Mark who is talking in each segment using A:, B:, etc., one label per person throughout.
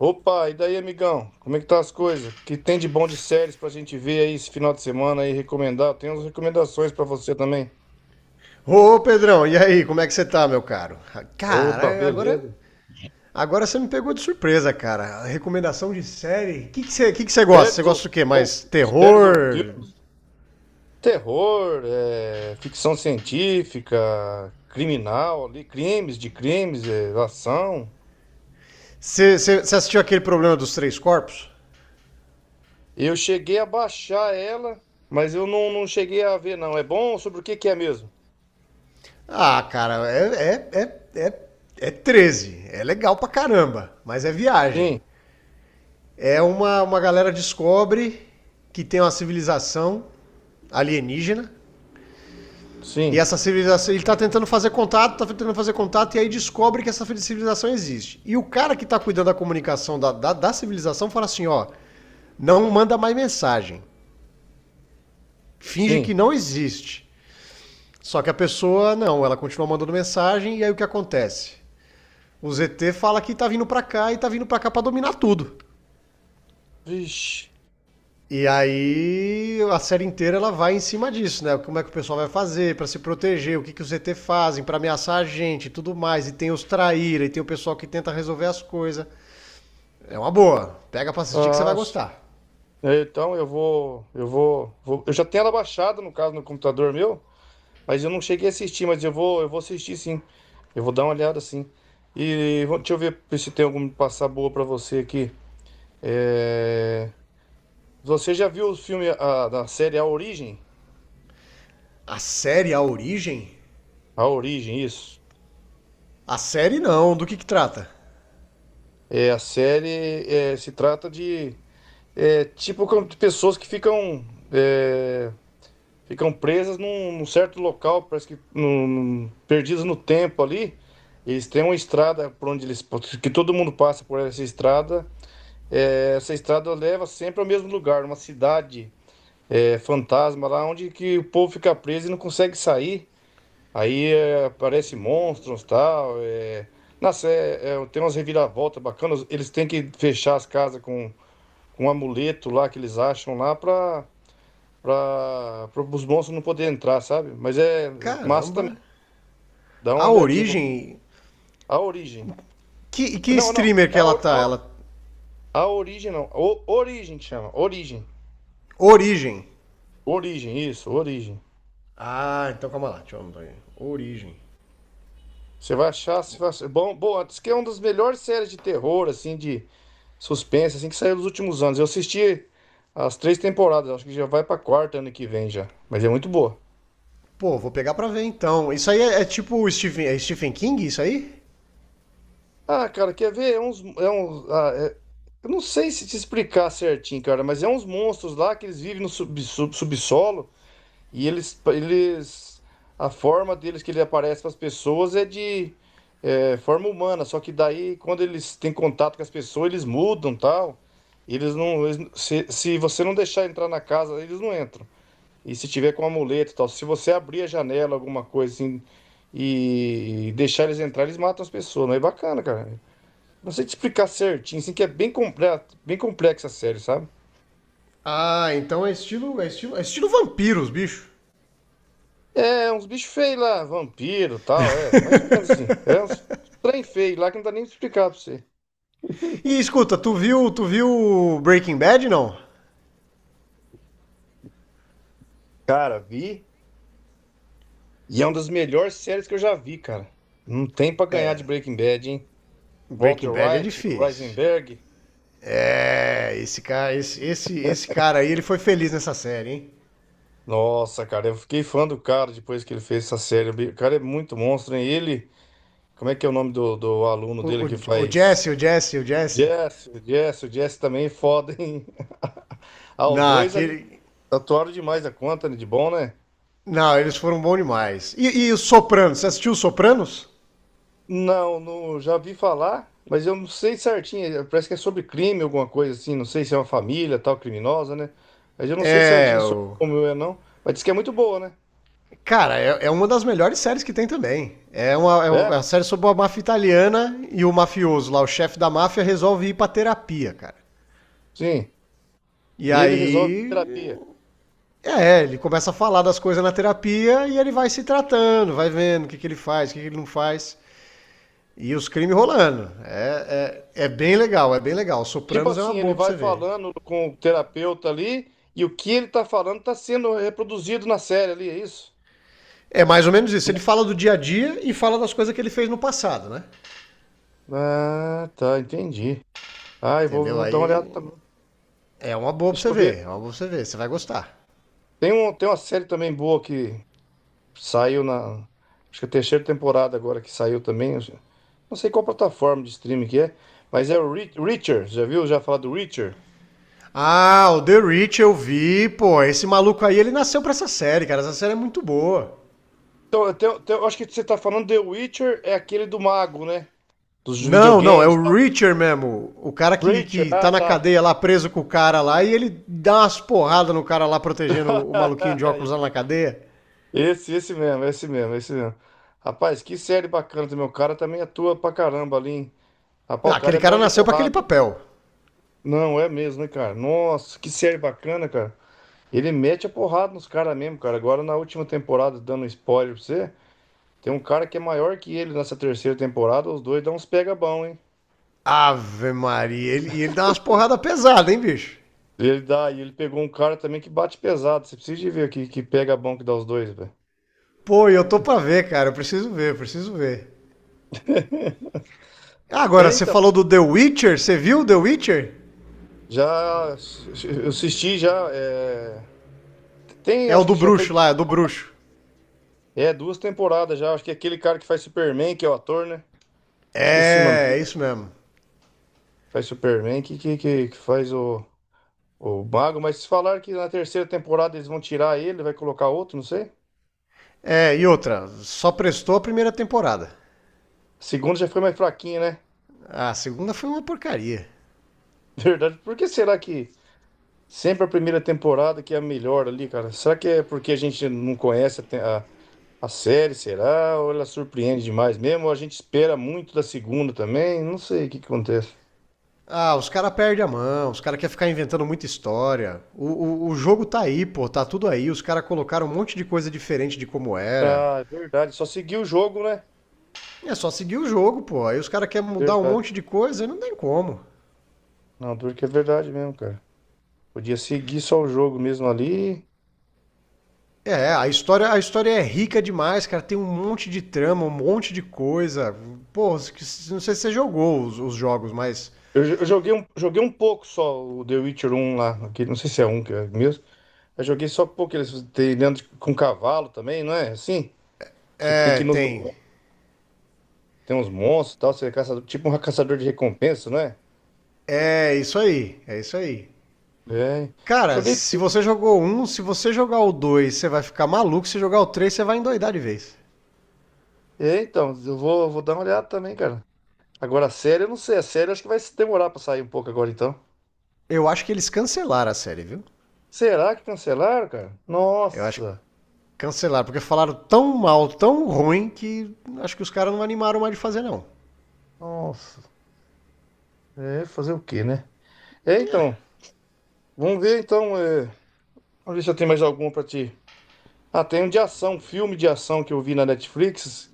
A: Opa, e daí, amigão? Como é que tá as coisas? O que tem de bom de séries pra gente ver aí esse final de semana aí, recomendar? Tem umas recomendações pra você também.
B: Ô, Pedrão, e aí, como é que você tá, meu caro?
A: Opa,
B: Cara, agora,
A: beleza.
B: agora você me pegou de surpresa, cara. Recomendação de série? O que que você gosta?
A: Séries
B: Você
A: ou,
B: gosta do quê?
A: ou,
B: Mais
A: Séries ou
B: terror?
A: filme? Terror, é, ficção científica, criminal ali, crimes de crimes, é, ação.
B: Você assistiu aquele problema dos três corpos?
A: Eu cheguei a baixar ela, mas eu não cheguei a ver, não. É bom? Sobre o que que é mesmo?
B: Ah, cara, é, é, é 13. É legal pra caramba, mas é viagem.
A: Sim,
B: É uma galera descobre que tem uma civilização alienígena. E
A: sim,
B: essa civilização, ele está tentando fazer contato, está tentando fazer contato, e aí descobre que essa civilização existe. E o cara que está cuidando da comunicação da civilização fala assim: ó, não manda mais mensagem. Finge
A: sim.
B: que não existe. Só que a pessoa, não, ela continua mandando mensagem, e aí o que acontece? O ZT fala que tá vindo pra cá e tá vindo pra cá pra dominar tudo.
A: Vixe.
B: E aí a série inteira ela vai em cima disso, né? Como é que o pessoal vai fazer para se proteger, o que, que os ET fazem para ameaçar a gente e tudo mais. E tem os traíra, e tem o pessoal que tenta resolver as coisas. É uma boa. Pega pra assistir que você
A: Ah,
B: vai gostar.
A: é. Então eu já tenho ela baixada, no caso, no computador meu, mas eu não cheguei a assistir, mas eu vou assistir, sim. Eu vou dar uma olhada, sim. E deixa eu ver se tem alguma passar boa pra você aqui. É, você já viu da série A Origem?
B: A série A Origem?
A: A Origem, isso.
B: A série não, do que trata?
A: Se trata de tipo como de pessoas que ficam, é, ficam presas num, num certo local, parece que perdidas no tempo ali. Eles têm uma estrada por onde que todo mundo passa por essa estrada. É, essa estrada leva sempre ao mesmo lugar, uma cidade, fantasma lá, onde que o povo fica preso e não consegue sair. Aí, aparece monstros, tal. Nossa, é, tem umas reviravoltas bacanas. Eles têm que fechar as casas com um amuleto lá que eles acham lá, para para os monstros não poderem entrar, sabe? Mas é massa
B: Caramba.
A: também. Dá uma
B: A
A: olhadinha.
B: Origem...
A: A origem.
B: Que
A: Não, não.
B: streamer
A: É
B: que
A: a,
B: ela
A: ori- a,
B: tá?
A: ori-
B: Ela...
A: a origem, não. O, origem que chama. Origem.
B: Origem.
A: Origem, isso. Origem.
B: Ah, então calma lá, deixa eu anotar aí. Origem.
A: Você vai achar, bom, bom, diz que é uma das melhores séries de terror, assim, de suspense, assim, que saiu nos últimos anos. Eu assisti as três temporadas. Acho que já vai pra quarta ano que vem já. Mas é muito boa.
B: Pô, vou pegar pra ver então. Isso aí é, é tipo Stephen, é Stephen King, isso aí?
A: Ah, cara, quer ver? Eu não sei se te explicar certinho, cara, mas é uns monstros lá que eles vivem no subsolo e eles, a forma deles que ele aparece para as pessoas é de forma humana, só que daí quando eles têm contato com as pessoas eles mudam, tal, eles não- se você não deixar entrar na casa eles não entram. E se tiver com amuleto e tal, se você abrir a janela, alguma coisa assim, e deixar eles entrar, eles matam as pessoas, não é bacana, cara. Não sei te explicar certinho, assim, que é bem completo, bem complexa a série, sabe?
B: Ah, então é estilo, é estilo, é estilo vampiros, bicho.
A: É, uns bichos feios lá, vampiro e tal, é, mais ou menos assim. É uns trem feio lá que não dá nem pra explicar pra você.
B: E escuta, tu viu Breaking Bad não?
A: Cara, vi, e é uma das melhores séries que eu já vi, cara. Não tem pra ganhar de Breaking Bad, hein? Walter
B: Breaking Bad é
A: White,
B: difícil.
A: Heisenberg.
B: É, esse cara, esse cara aí, ele foi feliz nessa série, hein?
A: Nossa, cara, eu fiquei fã do cara depois que ele fez essa série. O cara é muito monstro, hein? Ele, como é que é o nome do aluno dele
B: O, o,
A: que
B: o
A: faz.
B: Jesse, o Jesse.
A: Jess, o Jess, o Jess também é foda, hein? Ah, os
B: Não,
A: dois ali atuaram demais a conta, né? De bom, né?
B: não, eles foram bons demais. E os Sopranos, você assistiu os Sopranos?
A: Não, não, já vi falar, mas eu não sei certinho. Parece que é sobre crime, alguma coisa assim. Não sei se é uma família, tal, criminosa, né? Mas eu não sei
B: É,
A: certinho sobre
B: o...
A: como é, não. Mas diz que é muito boa, né?
B: Cara, é uma das melhores séries que tem também. É, uma, é
A: É,
B: uma série sobre a máfia italiana e o mafioso lá, o chefe da máfia, resolve ir pra terapia, cara.
A: sim.
B: E
A: E ele resolve a
B: aí.
A: terapia.
B: É, ele começa a falar das coisas na terapia e ele vai se tratando, vai vendo o que, que ele faz, o que, que ele não faz. E os crimes rolando. É bem legal, é bem legal.
A: Tipo
B: Sopranos é
A: assim,
B: uma
A: ele
B: boa pra
A: vai
B: você ver.
A: falando com o terapeuta ali, e o que ele tá falando tá sendo reproduzido na série ali, é isso?
B: É mais ou menos isso. Ele fala do dia a dia e fala das coisas que ele fez no passado, né?
A: Ah, tá, entendi. Ah,
B: Entendeu?
A: vou dar uma
B: Aí
A: olhada também.
B: é uma boa pra
A: Deixa
B: você
A: eu ver.
B: ver. É uma boa pra você ver. Você vai gostar.
A: Tem uma série também boa que saiu na. Acho que é a terceira temporada agora que saiu também. Não sei qual plataforma de streaming que é, mas é o Reacher. Já viu? Já falar do Reacher?
B: Ah, o The Rich eu vi, pô. Esse maluco aí, ele nasceu pra essa série, cara. Essa série é muito boa.
A: Então, eu acho que você tá falando The Witcher, é aquele do mago, né? Dos
B: Não, não, é
A: videogames e
B: o
A: tal.
B: Richard mesmo. O cara
A: Reacher,
B: que
A: ah,
B: tá na
A: tá.
B: cadeia lá, preso com o cara lá, e ele dá umas porradas no cara lá, protegendo o maluquinho de óculos lá na cadeia.
A: Esse mesmo. Rapaz, que série bacana também. O cara também atua pra caramba ali, hein?
B: Não,
A: Rapaz, o cara
B: aquele
A: é
B: cara
A: bom de
B: nasceu pra aquele
A: porrada, hein?
B: papel.
A: Não, é mesmo, né, cara? Nossa, que série bacana, cara. Ele mete a porrada nos caras mesmo, cara. Agora na última temporada, dando um spoiler pra você, tem um cara que é maior que ele nessa terceira temporada, os dois dão uns pega bom, hein?
B: Ave Maria, ele- e ele, dá umas porradas pesadas, hein, bicho?
A: Ele dá, e ele pegou um cara também que bate pesado. Você precisa de ver aqui que pega bom que dá os dois, velho.
B: Pô, e eu tô pra ver, cara, eu preciso ver, eu preciso ver. Ah, agora,
A: É,
B: você
A: então,
B: falou do The Witcher, você viu o The Witcher?
A: já eu assisti já. Tem, eu
B: É o
A: acho
B: do
A: que já foi.
B: bruxo lá, é do bruxo.
A: É, duas temporadas já. Acho que é aquele cara que faz Superman, que é o ator, né? Esqueci o nome
B: É, é
A: dele.
B: isso mesmo.
A: Faz Superman, que, que faz o. O Bago, mas se falar que na terceira temporada eles vão tirar ele, vai colocar outro, não sei.
B: É, e outra, só prestou a primeira temporada.
A: A segunda já foi mais fraquinha, né?
B: A segunda foi uma porcaria.
A: Verdade. Por que será que sempre a primeira temporada que é a melhor ali, cara? Será que é porque a gente não conhece a série, será? Ou ela surpreende demais mesmo? Ou a gente espera muito da segunda também? Não sei o que que acontece.
B: Ah, os caras perdem a mão, os caras querem ficar inventando muita história. O jogo tá aí, pô, tá tudo aí. Os caras colocaram um monte de coisa diferente de como era.
A: Ah, é verdade. Só seguir o jogo, né?
B: É só seguir o jogo, pô. Aí os caras querem mudar um
A: Verdade.
B: monte de coisa e não tem como.
A: Não, duro que é verdade mesmo, cara. Podia seguir só o jogo mesmo ali.
B: É, a história é rica demais, cara. Tem um monte de trama, um monte de coisa. Pô, não sei se você jogou os jogos, mas.
A: Eu joguei um pouco só, o The Witcher um lá, não sei se é um que é mesmo. Eu joguei só um pouco, eles tem com cavalo também, não é? Assim, você tem
B: É,
A: que ir nos
B: tem.
A: lugares, tem uns monstros e tal, você é caçador, tipo um caçador de recompensa, não é?
B: É isso aí, é isso aí.
A: É,
B: Cara,
A: joguei.
B: se você jogou um, se você jogar o dois, você vai ficar maluco. Se jogar o três, você vai endoidar de vez.
A: É, então, vou dar uma olhada também, cara. Agora a série, eu não sei, a série eu acho que vai se demorar pra sair um pouco agora então.
B: Eu acho que eles cancelaram a série, viu?
A: Será que cancelaram, cara?
B: Eu acho que
A: Nossa,
B: cancelaram, porque falaram tão mal, tão ruim, que acho que os caras não animaram mais de fazer, não.
A: nossa. É, fazer o quê, né? É,
B: É.
A: então, vamos ver então, é, vamos ver se eu tenho mais alguma pra ti. Ah, tem um de ação, um filme de ação que eu vi na Netflix.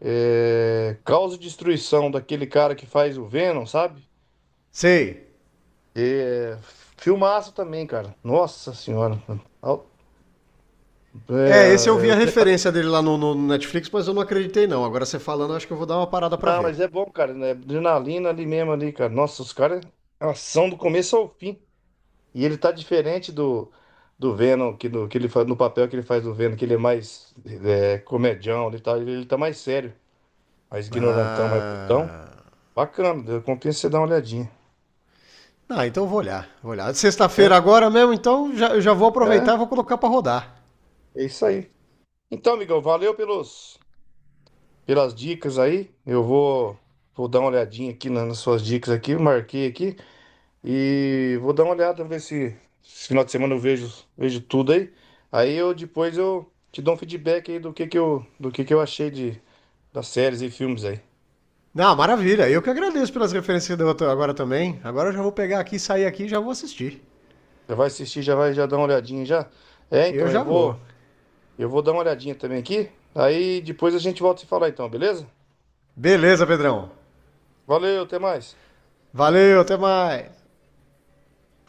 A: É... Causa e Destruição, daquele cara que faz o Venom, sabe?
B: Sei.
A: É... Filmaço também, cara. Nossa senhora. Al-
B: É, esse eu
A: É,
B: vi a
A: é...
B: referência dele lá no, no Netflix, mas eu não acreditei, não. Agora você falando, eu acho que eu vou dar uma parada pra
A: Não, mas
B: ver.
A: é bom, cara. Né? Adrenalina ali mesmo, ali, cara. Nossa, os caras. É, ação do começo ao fim. E ele tá diferente do Venom, que ele faz, no papel que ele faz do Venom, que ele é mais comedião, ele tá mais sério, mais ignorantão, mais putão.
B: Ah.
A: Bacana, compensa você dar uma olhadinha.
B: Ah, então eu vou olhar. Vou olhar. Sexta-feira agora mesmo, então já, eu já vou
A: É,
B: aproveitar e vou colocar pra rodar.
A: é isso aí. Então, amigão, pelas dicas aí. Vou dar uma olhadinha aqui nas suas dicas aqui, marquei aqui e vou dar uma olhada, ver se esse final de semana eu vejo, vejo tudo aí. Aí eu depois eu te dou um feedback aí do que do que eu achei das séries e filmes aí.
B: Não, maravilha. Eu que agradeço pelas referências que você deu agora também. Agora eu já vou pegar aqui, sair aqui e já vou assistir.
A: Já vai assistir, já vai já dar uma olhadinha já. É,
B: Eu
A: então
B: já vou.
A: eu vou dar uma olhadinha também aqui. Aí depois a gente volta a se falar então, beleza?
B: Beleza, Pedrão.
A: Valeu, até mais.
B: Valeu, até mais.